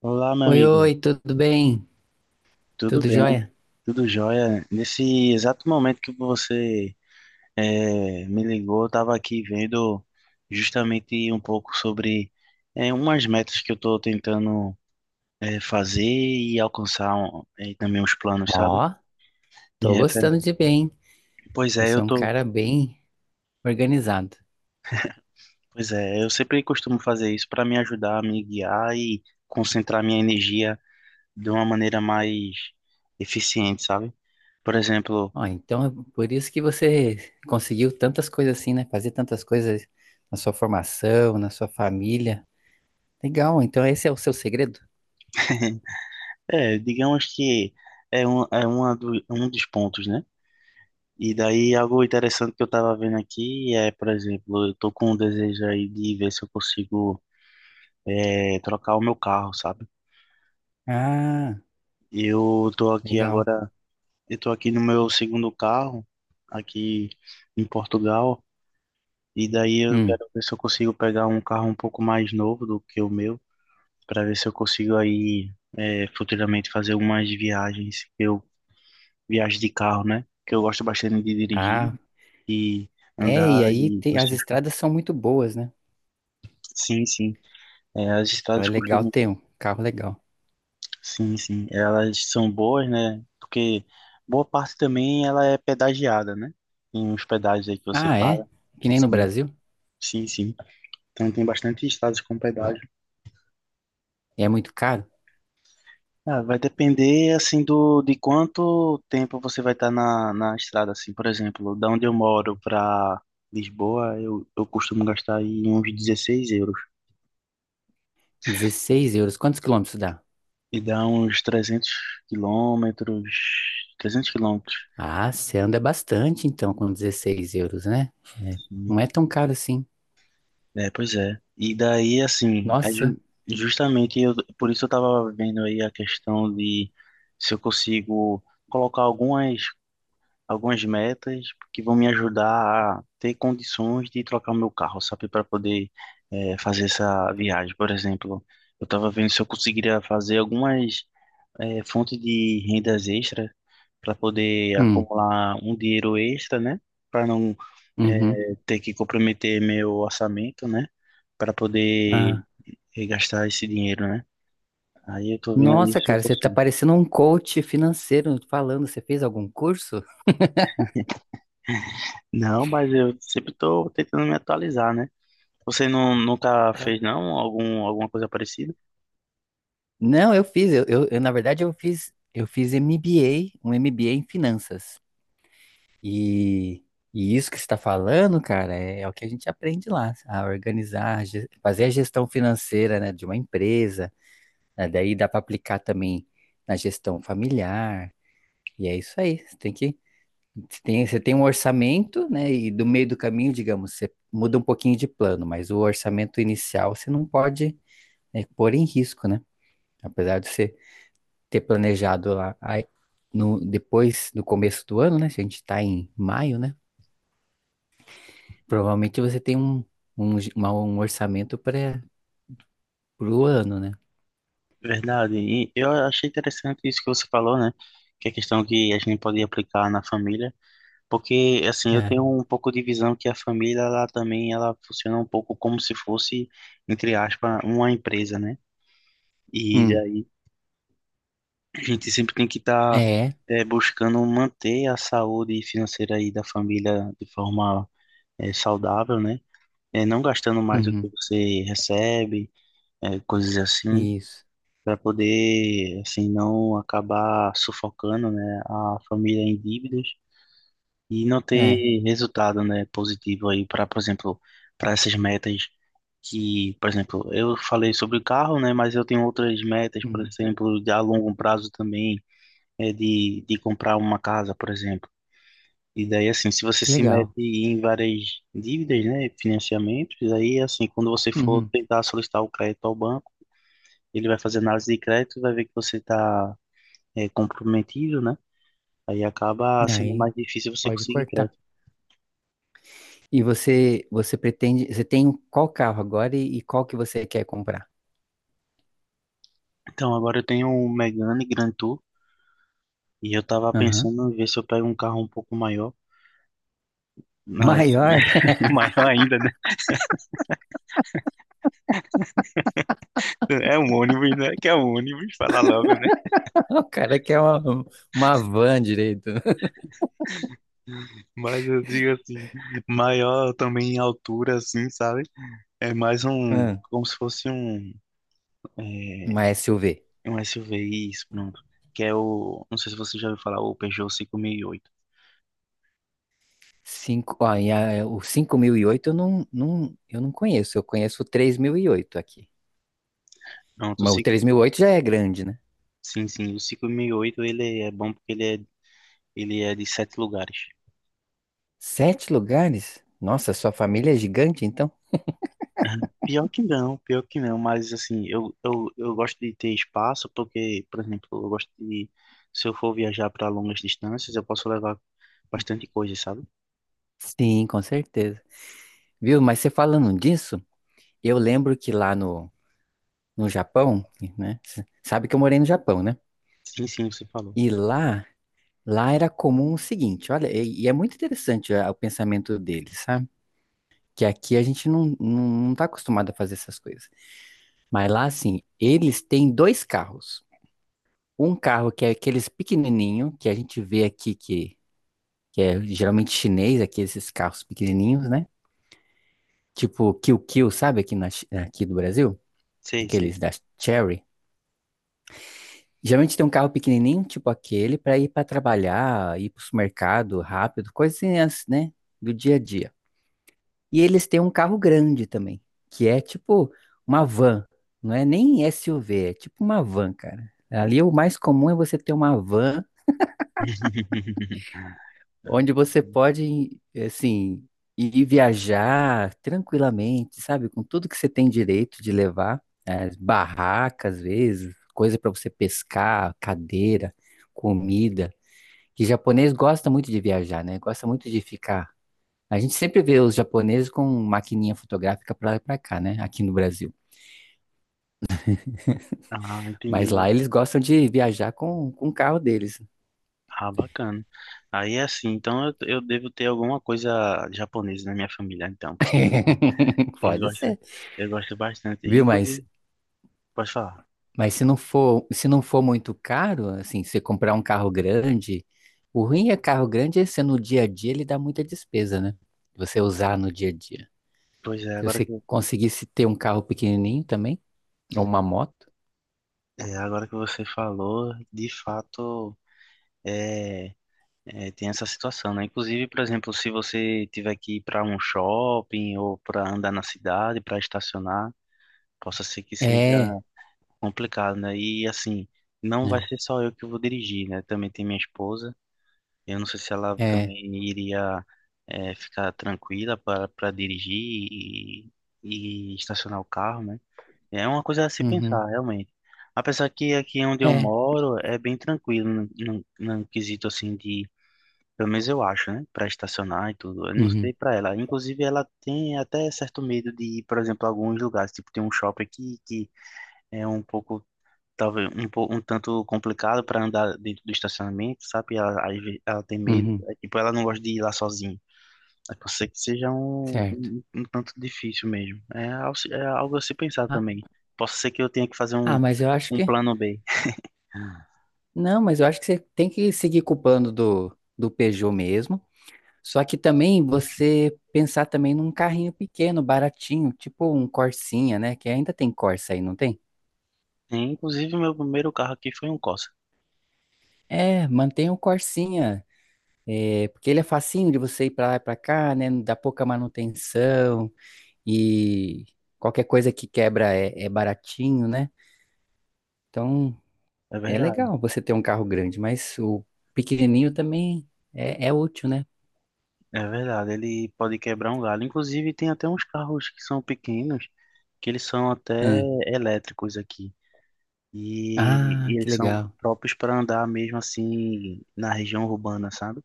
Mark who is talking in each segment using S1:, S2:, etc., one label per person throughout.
S1: Olá, meu
S2: Oi,
S1: amigo.
S2: oi, tudo bem?
S1: Tudo
S2: Tudo
S1: bem?
S2: jóia?
S1: Tudo jóia? Nesse exato momento que você me ligou, eu estava aqui vendo justamente um pouco sobre umas metas que eu estou tentando fazer e alcançar e também os planos, sabe?
S2: Ó,
S1: E
S2: tô
S1: refer-
S2: gostando de bem.
S1: Pois é,
S2: Você é
S1: eu
S2: um
S1: tô,
S2: cara bem organizado.
S1: pois é, eu sempre costumo fazer isso para me ajudar a me guiar e concentrar minha energia de uma maneira mais eficiente, sabe? Por exemplo,
S2: Ó, então é por isso que você conseguiu tantas coisas assim, né? Fazer tantas coisas na sua formação, na sua família. Legal, então esse é o seu segredo?
S1: é, digamos que é é um dos pontos, né? E daí algo interessante que eu tava vendo aqui é, por exemplo, eu tô com um desejo aí de ver se eu consigo trocar o meu carro, sabe?
S2: Ah,
S1: Eu tô aqui
S2: legal.
S1: agora, eu tô aqui no meu segundo carro, aqui em Portugal, e daí eu
S2: Hum.
S1: quero ver se eu consigo pegar um carro um pouco mais novo do que o meu, para ver se eu consigo aí futuramente fazer umas viagens que eu viagem de carro, né? Que eu gosto bastante de dirigir
S2: Ah.
S1: e
S2: É,
S1: andar
S2: e aí
S1: e
S2: tem, as
S1: você.
S2: estradas são muito boas, né?
S1: Sim, sim. É, as
S2: Então é
S1: estradas
S2: legal
S1: costumam.
S2: ter um carro legal.
S1: Sim, sim. Elas são boas, né? Porque boa parte também ela é pedagiada, né? Tem uns pedágios aí que você
S2: Ah,
S1: paga.
S2: é? Que nem no
S1: Sim,
S2: Brasil?
S1: sim, sim. Então tem bastante estradas com pedágio.
S2: É muito caro?
S1: Ah, vai depender assim do de quanto tempo você vai estar na, na estrada, assim, por exemplo, da onde eu moro para Lisboa, eu costumo gastar aí uns 16 euros.
S2: 16 euros. Quantos quilômetros dá?
S1: E dá uns 300 quilômetros, 300 quilômetros.
S2: Ah, você anda bastante então com 16 euros, né? É,
S1: Sim.
S2: não é tão caro assim.
S1: É, pois é. E daí, assim,
S2: Nossa.
S1: justamente eu, por isso eu tava vendo aí a questão de se eu consigo colocar algumas, algumas metas que vão me ajudar a ter condições de trocar o meu carro, sabe, para poder fazer essa viagem. Por exemplo, eu tava vendo se eu conseguiria fazer algumas fonte de rendas extra para poder
S2: Hum.
S1: acumular um dinheiro extra, né? Para não
S2: Uhum.
S1: ter que comprometer meu orçamento, né? Para poder
S2: Ah,
S1: gastar esse dinheiro, né? Aí eu tô vendo
S2: nossa,
S1: isso, eu
S2: cara, você tá
S1: consigo.
S2: parecendo um coach financeiro falando. Você fez algum curso?
S1: Não, mas eu sempre tô tentando me atualizar, né? Você não, nunca
S2: Ah.
S1: fez, não, algum, alguma coisa parecida?
S2: Não, eu fiz. Eu, na verdade, eu fiz MBA, um MBA em finanças. E, e isso que você está falando, cara, é o que a gente aprende lá, a organizar, fazer a gestão financeira, né, de uma empresa. Né? Daí dá para aplicar também na gestão familiar. E é isso aí. Você tem que. Você tem um orçamento, né? E do meio do caminho, digamos, você muda um pouquinho de plano, mas o orçamento inicial você não pode, né, pôr em risco, né? Apesar de você ter planejado lá aí, no, depois, no começo do ano, né? Se a gente está em maio, né? Provavelmente você tem um orçamento para o ano, né?
S1: Verdade. E eu achei interessante isso que você falou, né? Que é a questão que a gente pode aplicar na família. Porque, assim, eu
S2: É.
S1: tenho um pouco de visão que a família, ela também, ela funciona um pouco como se fosse, entre aspas, uma empresa, né? E
S2: Hum.
S1: daí a gente sempre tem que estar
S2: É.
S1: buscando manter a saúde financeira aí da família de forma saudável, né? Não gastando mais do que
S2: Uhum.
S1: você recebe, coisas assim,
S2: Isso.
S1: para poder, assim, não acabar sufocando, né, a família em dívidas e não
S2: É.
S1: ter resultado, né, positivo aí para, por exemplo, para essas metas que, por exemplo, eu falei sobre o carro, né, mas eu tenho outras metas, por
S2: Uhum.
S1: exemplo, de a longo prazo também, é de comprar uma casa, por exemplo. E daí, assim, se você
S2: Que
S1: se mete
S2: legal.
S1: em várias dívidas, né, financiamentos, aí, assim, quando você for
S2: Uhum.
S1: tentar solicitar o crédito ao banco, ele vai fazer análise de crédito, e vai ver que você está comprometido, né? Aí acaba sendo
S2: Aí
S1: mais difícil você
S2: pode
S1: conseguir
S2: cortar.
S1: crédito.
S2: E você pretende, você tem qual carro agora e qual que você quer comprar?
S1: Então, agora eu tenho um Megane Grand Tour e eu tava
S2: Aham.
S1: pensando em ver se eu pego um carro um pouco maior, mas
S2: Maior?
S1: maior ainda, né? É um ônibus, né? Que é um ônibus, falar logo, né?
S2: O cara quer uma van direito.
S1: Mas eu digo assim, maior também em altura, assim, sabe? É mais um,
S2: Hum.
S1: como se fosse um, é,
S2: Uma SUV.
S1: um SUV, isso, pronto. Que é o, não sei se você já ouviu falar, o Peugeot 5008.
S2: Ó, o 5008 eu não, não, eu não conheço, eu conheço o 3008 aqui.
S1: Pronto, o
S2: Mas o
S1: 5,
S2: 3008 já é grande, né?
S1: sim, sim, o 5008 ele é bom porque ele é de 7 lugares.
S2: Sete lugares? Nossa, sua família é gigante, então?
S1: Pior que não, mas assim, eu gosto de ter espaço porque, por exemplo, eu gosto de, se eu for viajar para longas distâncias, eu posso levar bastante coisa, sabe?
S2: Sim, com certeza. Viu? Mas você falando disso, eu lembro que lá no Japão, né? Sabe que eu morei no Japão, né?
S1: Sim, sim, você falou.
S2: E lá era comum o seguinte, olha, e é muito interessante o pensamento deles, sabe? Que aqui a gente não tá acostumado a fazer essas coisas. Mas lá, assim, eles têm 2 carros. Um carro que é aqueles pequenininho, que a gente vê aqui que é geralmente chinês, aqui esses carros pequenininhos, né? Tipo Kill Kill, sabe? Aqui do Brasil,
S1: Sei, sei.
S2: aqueles da Cherry. Geralmente tem um carro pequenininho, tipo aquele, para ir para trabalhar, ir para o supermercado rápido, coisinhas, né? Do dia a dia. E eles têm um carro grande também, que é tipo uma van. Não é nem SUV, é tipo uma van, cara. Ali o mais comum é você ter uma van onde você pode, assim, ir viajar tranquilamente, sabe? Com tudo que você tem direito de levar, né? Barracas, às vezes, coisa para você pescar, cadeira, comida. Que japonês gosta muito de viajar, né? Gosta muito de ficar. A gente sempre vê os japoneses com maquininha fotográfica pra lá e pra cá, né? Aqui no Brasil.
S1: Ah,
S2: Mas
S1: entendi.
S2: lá eles gostam de viajar com o carro deles.
S1: Ah, bacana. Aí é assim, então eu devo ter alguma coisa japonesa na minha família, então, porque eu
S2: Pode
S1: gosto,
S2: ser.
S1: eu gosto bastante.
S2: Viu? Mas,
S1: Inclusive, pode falar.
S2: mas se não for muito caro, assim, você comprar um carro grande, o ruim é carro grande é ser no dia a dia ele dá muita despesa, né? Você usar no dia a dia.
S1: Pois
S2: Se você conseguisse ter um carro pequenininho também, ou uma moto.
S1: é, agora que você falou, de fato, é é, tem essa situação, né? Inclusive, por exemplo, se você tiver que ir para um shopping ou para andar na cidade, para estacionar, possa ser que seja
S2: É,
S1: complicado, né? E assim, não vai
S2: né?
S1: ser só eu que vou dirigir, né? Também tem minha esposa. Eu não sei se ela
S2: É.
S1: também iria ficar tranquila para dirigir e, e estacionar o carro, né? É uma coisa a se
S2: Uhum,
S1: pensar, realmente. Apesar que aqui onde eu
S2: é.
S1: moro é bem tranquilo, no quesito assim de pelo menos eu acho, né? Pra estacionar e tudo. Eu não sei
S2: Uhum,
S1: pra ela. Inclusive, ela tem até certo medo de ir, por exemplo, a alguns lugares. Tipo, tem um shopping aqui que é um pouco, talvez, um tanto complicado pra andar dentro do estacionamento, sabe? Ela, ela tem medo.
S2: uhum,
S1: É, tipo, ela não gosta de ir lá sozinha. A não ser que seja
S2: certo.
S1: um tanto difícil mesmo. É, ao é algo a se pensar
S2: Ah,
S1: também. Posso ser que eu tenha que fazer
S2: ah, mas eu acho
S1: um
S2: que.
S1: plano B.
S2: Não, mas eu acho que você tem que seguir com o plano do Peugeot mesmo. Só que também você pensar também num carrinho pequeno, baratinho, tipo um Corsinha, né? Que ainda tem Corsa aí, não tem?
S1: Inclusive, meu primeiro carro aqui foi um Corsa.
S2: É, mantém o Corsinha, é, porque ele é facinho de você ir pra lá e pra cá, né? Dá pouca manutenção e qualquer coisa que quebra é baratinho, né? Então
S1: É
S2: é
S1: verdade.
S2: legal você ter um carro grande, mas o pequenininho também é útil, né?
S1: É verdade, ele pode quebrar um galho. Inclusive, tem até uns carros que são pequenos, que eles são até
S2: Ah,
S1: elétricos aqui.
S2: ah,
S1: E
S2: que
S1: eles são
S2: legal.
S1: próprios para andar mesmo assim na região urbana, sabe?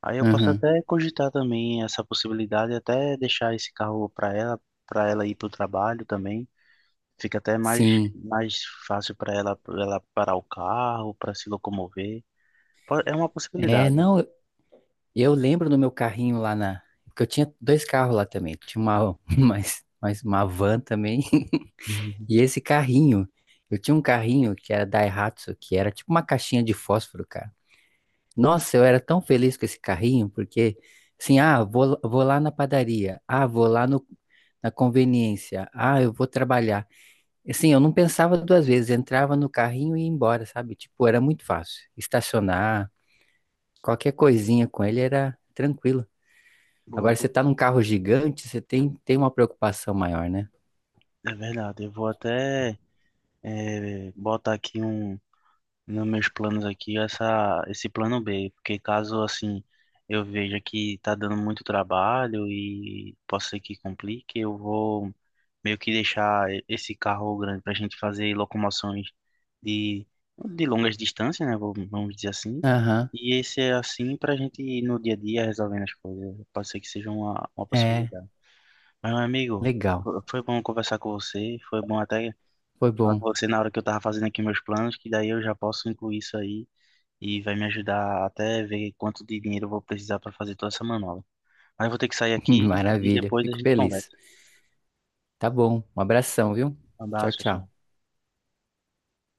S1: Aí eu posso até cogitar também essa possibilidade, até deixar esse carro para ela ir para o trabalho também. Fica até mais,
S2: Sim,
S1: mais fácil para ela, pra ela parar o carro, para se locomover. É uma
S2: é,
S1: possibilidade.
S2: não, eu lembro do meu carrinho lá porque eu tinha 2 carros lá também, tinha uma, mais uma van também,
S1: Uhum.
S2: e esse carrinho, eu tinha um carrinho que era Daihatsu, que era tipo uma caixinha de fósforo, cara. Nossa, eu era tão feliz com esse carrinho, porque, assim, ah, vou lá na padaria, ah, vou lá no, na conveniência, ah, eu vou trabalhar. Assim, eu não pensava duas vezes, entrava no carrinho e ia embora, sabe? Tipo, era muito fácil, estacionar. Qualquer coisinha com ele era tranquilo.
S1: Boa,
S2: Agora você
S1: boa.
S2: tá num carro gigante, você tem uma preocupação maior, né?
S1: É verdade, eu vou até botar aqui nos meus planos aqui essa esse plano B, porque caso assim eu veja que tá dando muito trabalho e possa ser que complique, eu vou meio que deixar esse carro grande para a gente fazer locomoções de de longas distâncias, né? Vamos dizer assim.
S2: Aham,
S1: E esse é assim para a gente ir no dia a dia resolvendo as coisas. Pode ser que seja uma
S2: é,
S1: possibilidade. Mas, meu amigo,
S2: legal.
S1: foi bom conversar com você. Foi bom até
S2: Foi
S1: falar
S2: bom.
S1: com você na hora que eu tava fazendo aqui meus planos, que daí eu já posso incluir isso aí e vai me ajudar até ver quanto de dinheiro eu vou precisar para fazer toda essa manobra. Mas eu vou ter que sair aqui e
S2: Maravilha,
S1: depois a
S2: fico
S1: gente conversa.
S2: feliz. Tá bom, um abração, viu?
S1: Um
S2: Tchau,
S1: abraço, tchau.
S2: tchau.